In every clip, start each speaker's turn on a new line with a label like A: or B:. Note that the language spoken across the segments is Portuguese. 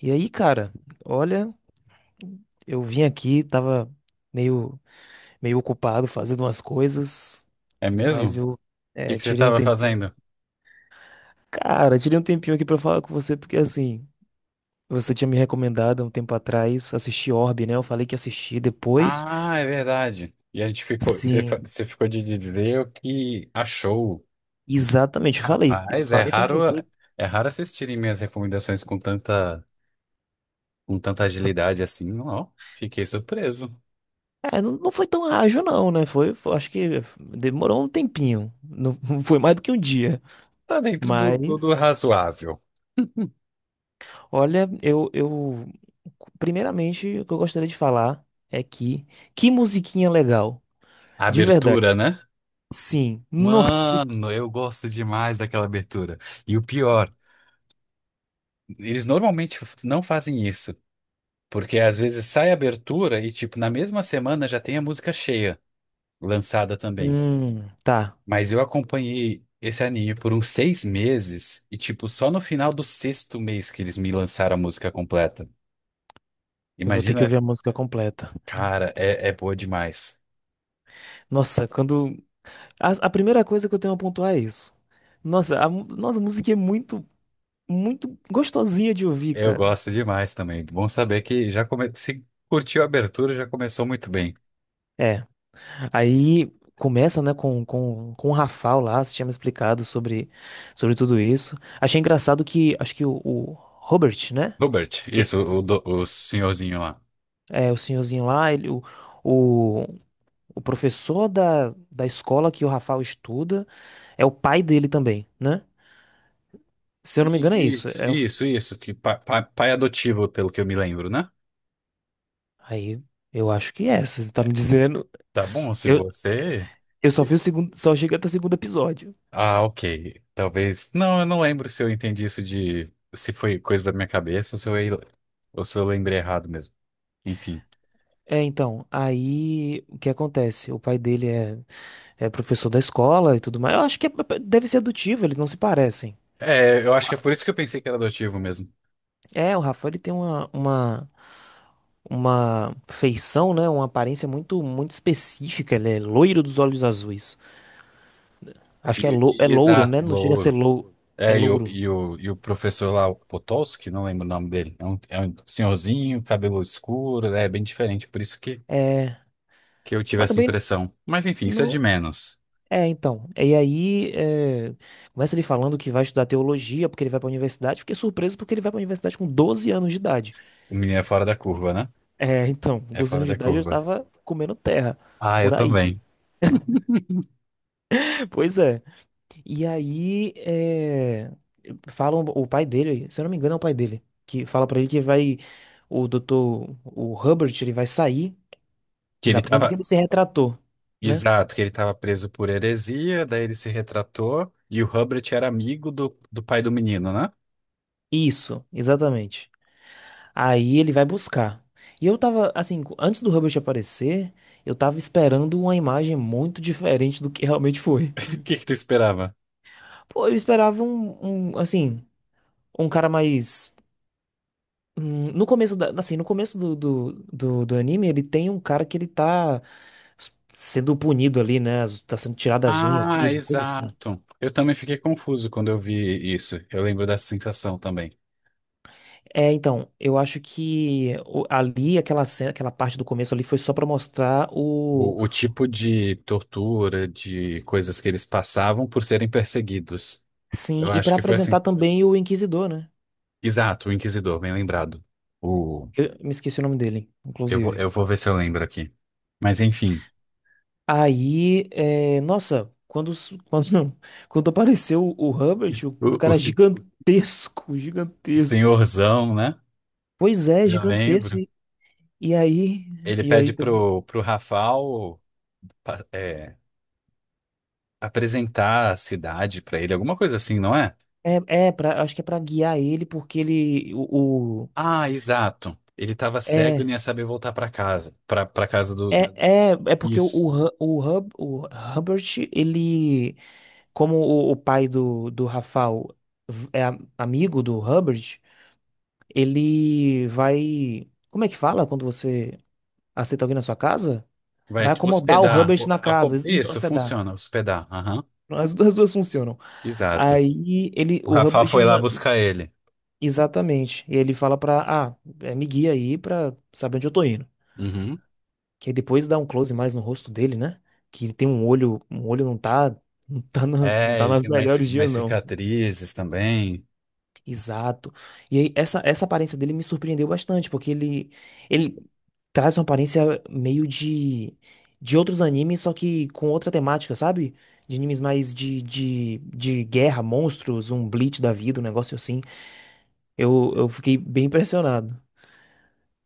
A: E aí, cara, olha, eu vim aqui, tava meio, meio ocupado fazendo umas coisas,
B: É mesmo? O
A: mas
B: que que você
A: tirei um
B: estava
A: tempinho.
B: fazendo?
A: Cara, tirei um tempinho aqui pra falar com você, porque assim, você tinha me recomendado há um tempo atrás assistir Orbe, né? Eu falei que assisti depois.
B: Ah, é verdade. E a gente ficou, você,
A: Sim,
B: você ficou de dizer o que achou.
A: exatamente, eu falei. Eu
B: Rapaz,
A: falei pra você.
B: é raro assistirem minhas recomendações com tanta agilidade assim. Ó, fiquei surpreso.
A: Não, não foi tão ágil, não, né? Acho que demorou um tempinho. Não, foi mais do que um dia.
B: Tá dentro do
A: Mas.
B: razoável.
A: Olha, eu, eu. Primeiramente, o que eu gostaria de falar é que. Que musiquinha legal.
B: A
A: De verdade.
B: abertura, né?
A: Sim. Nossa.
B: Mano, eu gosto demais daquela abertura. E o pior, eles normalmente não fazem isso, porque às vezes sai a abertura e, tipo, na mesma semana já tem a música cheia. Lançada também.
A: Tá.
B: Mas eu acompanhei esse anime por uns 6 meses e, tipo, só no final do sexto mês que eles me lançaram a música completa.
A: Eu vou ter que
B: Imagina,
A: ouvir a música completa.
B: cara, é boa demais.
A: Nossa, quando. A primeira coisa que eu tenho a pontuar é isso. Nossa, a música é muito, muito gostosinha de ouvir,
B: Eu
A: cara.
B: gosto demais também. Bom saber que se curtiu a abertura, já começou muito bem.
A: É. Aí começa, né, com o Rafael lá, você tinha me explicado sobre tudo isso. Achei engraçado que. Acho que o Robert, né?
B: Robert, isso, o senhorzinho lá.
A: É, o senhorzinho lá, ele, o, o, o professor da escola que o Rafael estuda é o pai dele também, né? Se eu não me
B: I-
A: engano, é isso.
B: Isso, que pai adotivo, pelo que eu me lembro, né?
A: Aí, eu acho que é, se você tá me dizendo.
B: Tá bom, se
A: Eu,
B: você.
A: eu só vi o segundo, só cheguei até o segundo episódio.
B: Ah, ok. Talvez. Não, eu não lembro se eu entendi isso de. Se foi coisa da minha cabeça ou se ou se eu lembrei errado mesmo. Enfim.
A: É, então, aí o que acontece? O pai dele é, é professor da escola e tudo mais. Eu acho que é- deve ser adotivo, eles não se parecem.
B: É, eu acho que é por isso que eu pensei que era adotivo mesmo.
A: É, o Rafael ele tem uma feição, né? Uma aparência muito, muito específica. Ele é loiro dos olhos azuis. Acho que é, lou é louro, né?
B: Exato,
A: Não chega a ser
B: louro.
A: lou é
B: É,
A: louro.
B: e o professor lá, o Potocki, não lembro o nome dele. É um senhorzinho, cabelo escuro, é bem diferente. Por isso
A: É,
B: que eu tive
A: mas
B: essa
A: também
B: impressão. Mas enfim, isso é de
A: não.
B: menos.
A: É, então. Começa ele falando que vai estudar teologia porque ele vai pra universidade. Fiquei surpreso porque ele vai pra universidade com 12 anos de idade.
B: O menino é fora da curva, né?
A: É, então,
B: É
A: doze
B: fora
A: anos de
B: da
A: idade eu
B: curva.
A: tava comendo terra
B: Ah, eu
A: por aí.
B: também.
A: Pois é. E aí, é, falam, o pai dele, se eu não me engano, é o pai dele, que fala pra ele que vai, o doutor, o Hubbard, ele vai sair
B: Que
A: da
B: ele
A: prisão porque
B: tava.
A: ele se retratou, né?
B: Exato, que ele estava preso por heresia, daí ele se retratou e o Hubert era amigo do pai do menino, né?
A: Isso, exatamente. Aí ele vai buscar. E eu tava, assim, antes do Hubbard aparecer, eu tava esperando uma imagem muito diferente do que realmente foi.
B: O que que tu esperava?
A: Pô, eu esperava assim, um cara mais. No começo da, assim, no começo do anime, ele tem um cara que ele sendo punido ali, né? As- Tá sendo tirado as unhas
B: Ah,
A: dele, uma coisa assim.
B: exato. Eu também fiquei confuso quando eu vi isso. Eu lembro dessa sensação também.
A: É, então, eu acho que o- ali, aquela cena, aquela parte do começo ali foi só pra mostrar o.
B: O tipo de tortura, de coisas que eles passavam por serem perseguidos.
A: Sim,
B: Eu
A: e
B: acho
A: pra
B: que foi
A: apresentar
B: assim.
A: também o Inquisidor, né?
B: Exato, o Inquisidor, bem lembrado. O,
A: Eu me esqueci o nome dele, inclusive.
B: eu vou ver se eu lembro aqui. Mas enfim,
A: Aí, é, nossa, quando, s- quando, não, quando apareceu o Hubbard, um
B: o, o
A: cara
B: sen-
A: gigantesco, gigantesco.
B: senhorzão, né?
A: Pois é,
B: Eu
A: gigantesco.
B: lembro.
A: E aí,
B: Ele
A: e
B: pede
A: aí
B: pro Rafal pa- é, apresentar a cidade pra ele, alguma coisa assim, não é?
A: é pra, acho que é pra guiar ele porque ele o-
B: Ah, exato. Ele tava cego e não
A: é
B: ia saber voltar pra casa, pra para casa do.
A: é, é, é porque o,
B: Isso.
A: o, Hu- o, Hub, o Hubbard, ele, como o pai do Rafael amigo do Hubbard, ele vai. Como é que fala quando você aceita alguém na sua casa?
B: Vai
A: Vai acomodar o
B: hospedar.
A: Hubbard na casa, isso,
B: Isso,
A: hospedar.
B: funciona, hospedar. Aham.
A: As duas funcionam.
B: Exato.
A: Aí ele,
B: O
A: o
B: Rafal
A: Hubbard.
B: foi lá buscar ele.
A: Exatamente. E ele fala pra, ah, é, me guia aí pra saber onde eu tô indo.
B: Uhum.
A: Que aí depois dá um close mais no rosto dele, né? Que ele tem um olho, não
B: É,
A: tá
B: ele
A: nas
B: tem
A: melhores
B: umas
A: dias, não.
B: cicatrizes também.
A: Exato. E aí essa aparência dele me surpreendeu bastante, porque ele traz uma aparência meio de outros animes, só que com outra temática, sabe? De animes mais de guerra, monstros, um Bleach da vida, um negócio assim. Eu fiquei bem impressionado.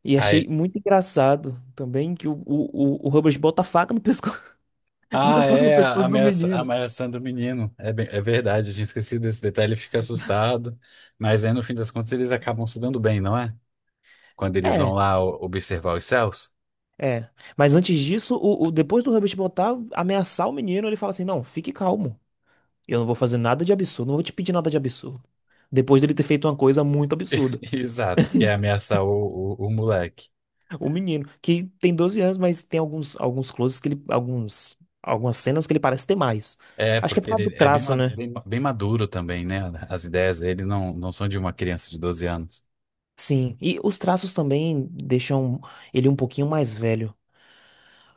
A: E achei muito engraçado também que o Rubens bota a faca no pescoço, coloca a
B: Ah,
A: faca no
B: é,
A: pescoço do
B: a
A: menino.
B: ameaçando o menino. É, é verdade, eu tinha esquecido desse detalhe, ele fica assustado. Mas aí, no fim das contas, eles acabam se dando bem, não é? Quando eles vão
A: É,
B: lá observar os céus.
A: é. Mas antes disso, depois do Rubens botar, ameaçar o menino, ele fala assim: não, fique calmo. Eu não vou fazer nada de absurdo, não vou te pedir nada de absurdo. Depois dele ter feito uma coisa muito absurda.
B: Exato, que é ameaçar o moleque.
A: O menino, que tem 12 anos, mas tem alguns, alguns closes que ele. Algumas cenas que ele parece ter mais.
B: É,
A: Acho que é por
B: porque
A: causa do
B: ele é
A: traço, né?
B: bem maduro também, né? As ideias dele não são de uma criança de 12 anos.
A: Sim. E os traços também deixam ele um pouquinho mais velho.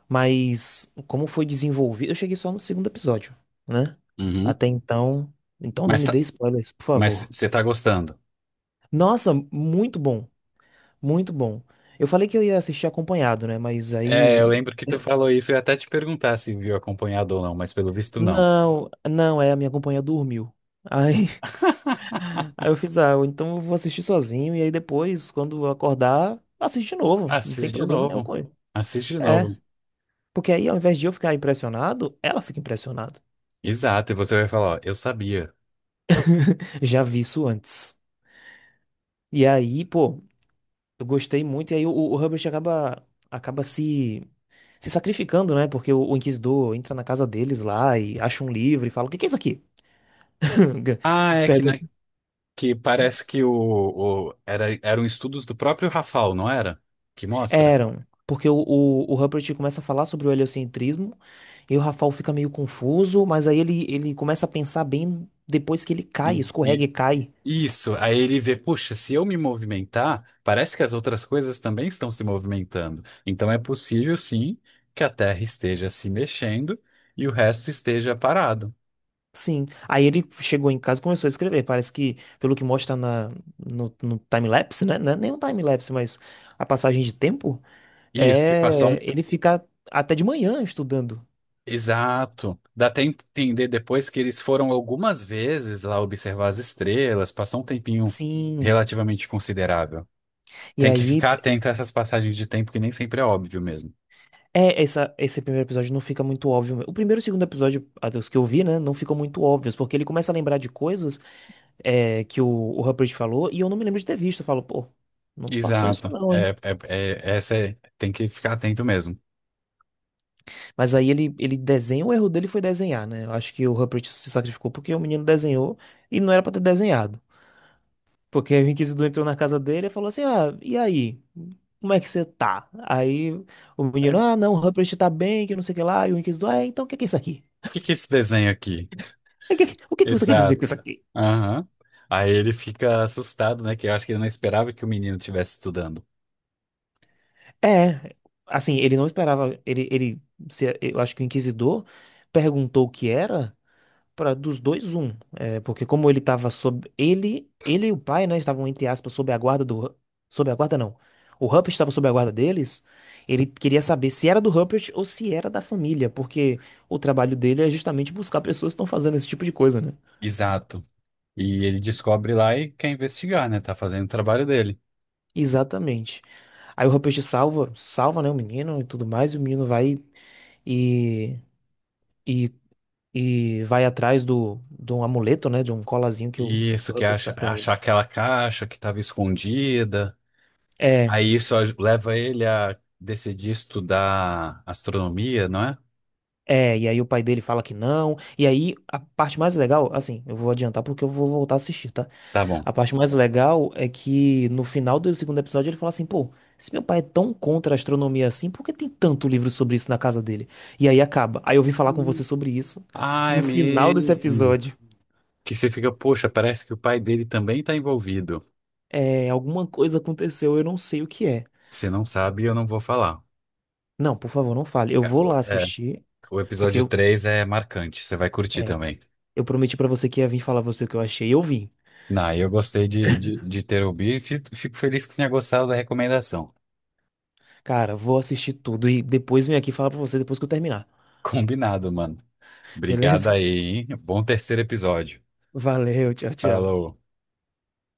A: Mas como foi desenvolvido, eu cheguei só no segundo episódio, né?
B: Uhum.
A: Até então, então não
B: Mas
A: me
B: tá,
A: dê spoilers, por
B: mas
A: favor.
B: você tá gostando.
A: Nossa, muito bom, muito bom. Eu falei que eu ia assistir acompanhado, né? Mas
B: É,
A: aí
B: eu lembro que tu falou isso, eu ia até te perguntar se viu acompanhado ou não, mas pelo visto não.
A: não, não, é a minha companhia dormiu. Aí, aí eu fiz, ah, então eu vou assistir sozinho e aí depois, quando eu acordar, assisto de novo, não tem
B: Assiste de
A: problema nenhum
B: novo.
A: com ele.
B: Assiste de
A: É,
B: novo.
A: porque aí ao invés de eu ficar impressionado, ela fica impressionada.
B: Exato, e você vai falar, ó, eu sabia.
A: Já vi isso antes. E aí, pô, eu gostei muito, e aí o Hubbard acaba, acaba se sacrificando, né? Porque o Inquisidor entra na casa deles lá e acha um livro e fala: O que que é isso aqui?
B: Ah, é que,
A: Pergunta.
B: né, que parece que era, eram estudos do próprio Rafael, não era? Que mostra.
A: Eram. Porque o Hubbard começa a falar sobre o heliocentrismo, e o Rafael fica meio confuso, mas aí ele começa a pensar bem depois que ele cai,
B: E,
A: escorrega
B: e-
A: e cai.
B: isso, aí ele vê, puxa, se eu me movimentar, parece que as outras coisas também estão se movimentando. Então é possível, sim, que a Terra esteja se mexendo e o resto esteja parado.
A: Sim. Aí ele chegou em casa e começou a escrever. Parece que, pelo que mostra na, no, no time-lapse, né? Não é nem um time-lapse, mas a passagem de tempo.
B: Isso, que passou um
A: É, ele fica até de manhã estudando.
B: exato. Dá até entender depois que eles foram algumas vezes lá observar as estrelas, passou um tempinho
A: Sim.
B: relativamente considerável.
A: E
B: Tem que
A: aí,
B: ficar atento a essas passagens de tempo que nem sempre é óbvio mesmo.
A: esse primeiro episódio não fica muito óbvio. O primeiro e o segundo episódio, até os que eu vi, né, não ficam muito óbvios, porque ele começa a lembrar de que o Rupert falou e eu não me lembro de ter visto. Eu falo, pô, não passou isso
B: Exato.
A: não, hein?
B: É- essa é- tem que ficar atento mesmo.
A: Mas aí ele desenha, o erro dele foi desenhar, né? Eu acho que o Rupert se sacrificou porque o menino desenhou e não era pra ter desenhado. Porque aí o inquisidor entrou na casa dele e falou assim: Ah, e aí? Como é que você tá? Aí o
B: É,
A: menino,
B: o
A: ah, não, o Rupert tá bem, que não sei o que lá. E o inquisidor, ah, então o que que é isso aqui?
B: que que é esse desenho aqui?
A: O que, o que que você quer dizer
B: Exato.
A: com isso aqui?
B: Aham. Aí ele fica assustado, né? Que eu acho que ele não esperava que o menino estivesse estudando.
A: É, assim, ele não esperava. Ele, se- eu acho que o inquisidor perguntou o que era. Para dos dois um, é, porque como ele estava sob ele, ele e o pai, né, estavam entre aspas sob a guarda sob a guarda não. O Rupert estava sob a guarda deles. Ele queria saber se era do Rupert ou se era da família, porque o trabalho dele é justamente buscar pessoas que estão fazendo esse tipo de coisa, né?
B: Exato. E ele descobre lá e quer investigar, né? Tá fazendo o trabalho dele.
A: Exatamente. Aí o Rupert salva, salva, né, o menino e tudo mais, e o menino vai e e, e vai atrás do de um amuleto, né, de um colazinho que
B: Isso,
A: o
B: que
A: Rupert
B: acha,
A: dá pra ele.
B: achar aquela caixa que estava escondida.
A: É,
B: Leva ele a decidir estudar astronomia, não é?
A: É, e aí o pai dele fala que não. E aí a parte mais legal, assim, eu vou adiantar porque eu vou voltar a assistir, tá?
B: Tá bom.
A: A parte mais legal é que no final do segundo episódio ele fala assim, pô, se meu pai é tão contra a astronomia assim, por que tem tanto livro sobre isso na casa dele? E aí acaba. Aí eu vim falar com
B: Hum.
A: você sobre isso
B: Ah, é
A: no final desse
B: mesmo.
A: episódio.
B: Que você fica, poxa, parece que o pai dele também está envolvido.
A: É, alguma coisa aconteceu, eu não sei o que é.
B: Se não sabe, eu não vou falar.
A: Não, por favor, não fale. Eu
B: É,
A: vou
B: o
A: lá
B: é,
A: assistir,
B: o
A: porque
B: episódio 3 é marcante, você vai curtir
A: é,
B: também.
A: eu prometi pra você que ia vir falar você o que eu achei, e eu vim.
B: Não, eu gostei de ter ouvido e fico feliz que tenha gostado da recomendação.
A: Cara, vou assistir tudo e depois venho aqui falar pra você depois que eu terminar.
B: Combinado, mano. Obrigado
A: Beleza?
B: aí, hein? Bom terceiro episódio.
A: Valeu, tchau, tchau.
B: Falou.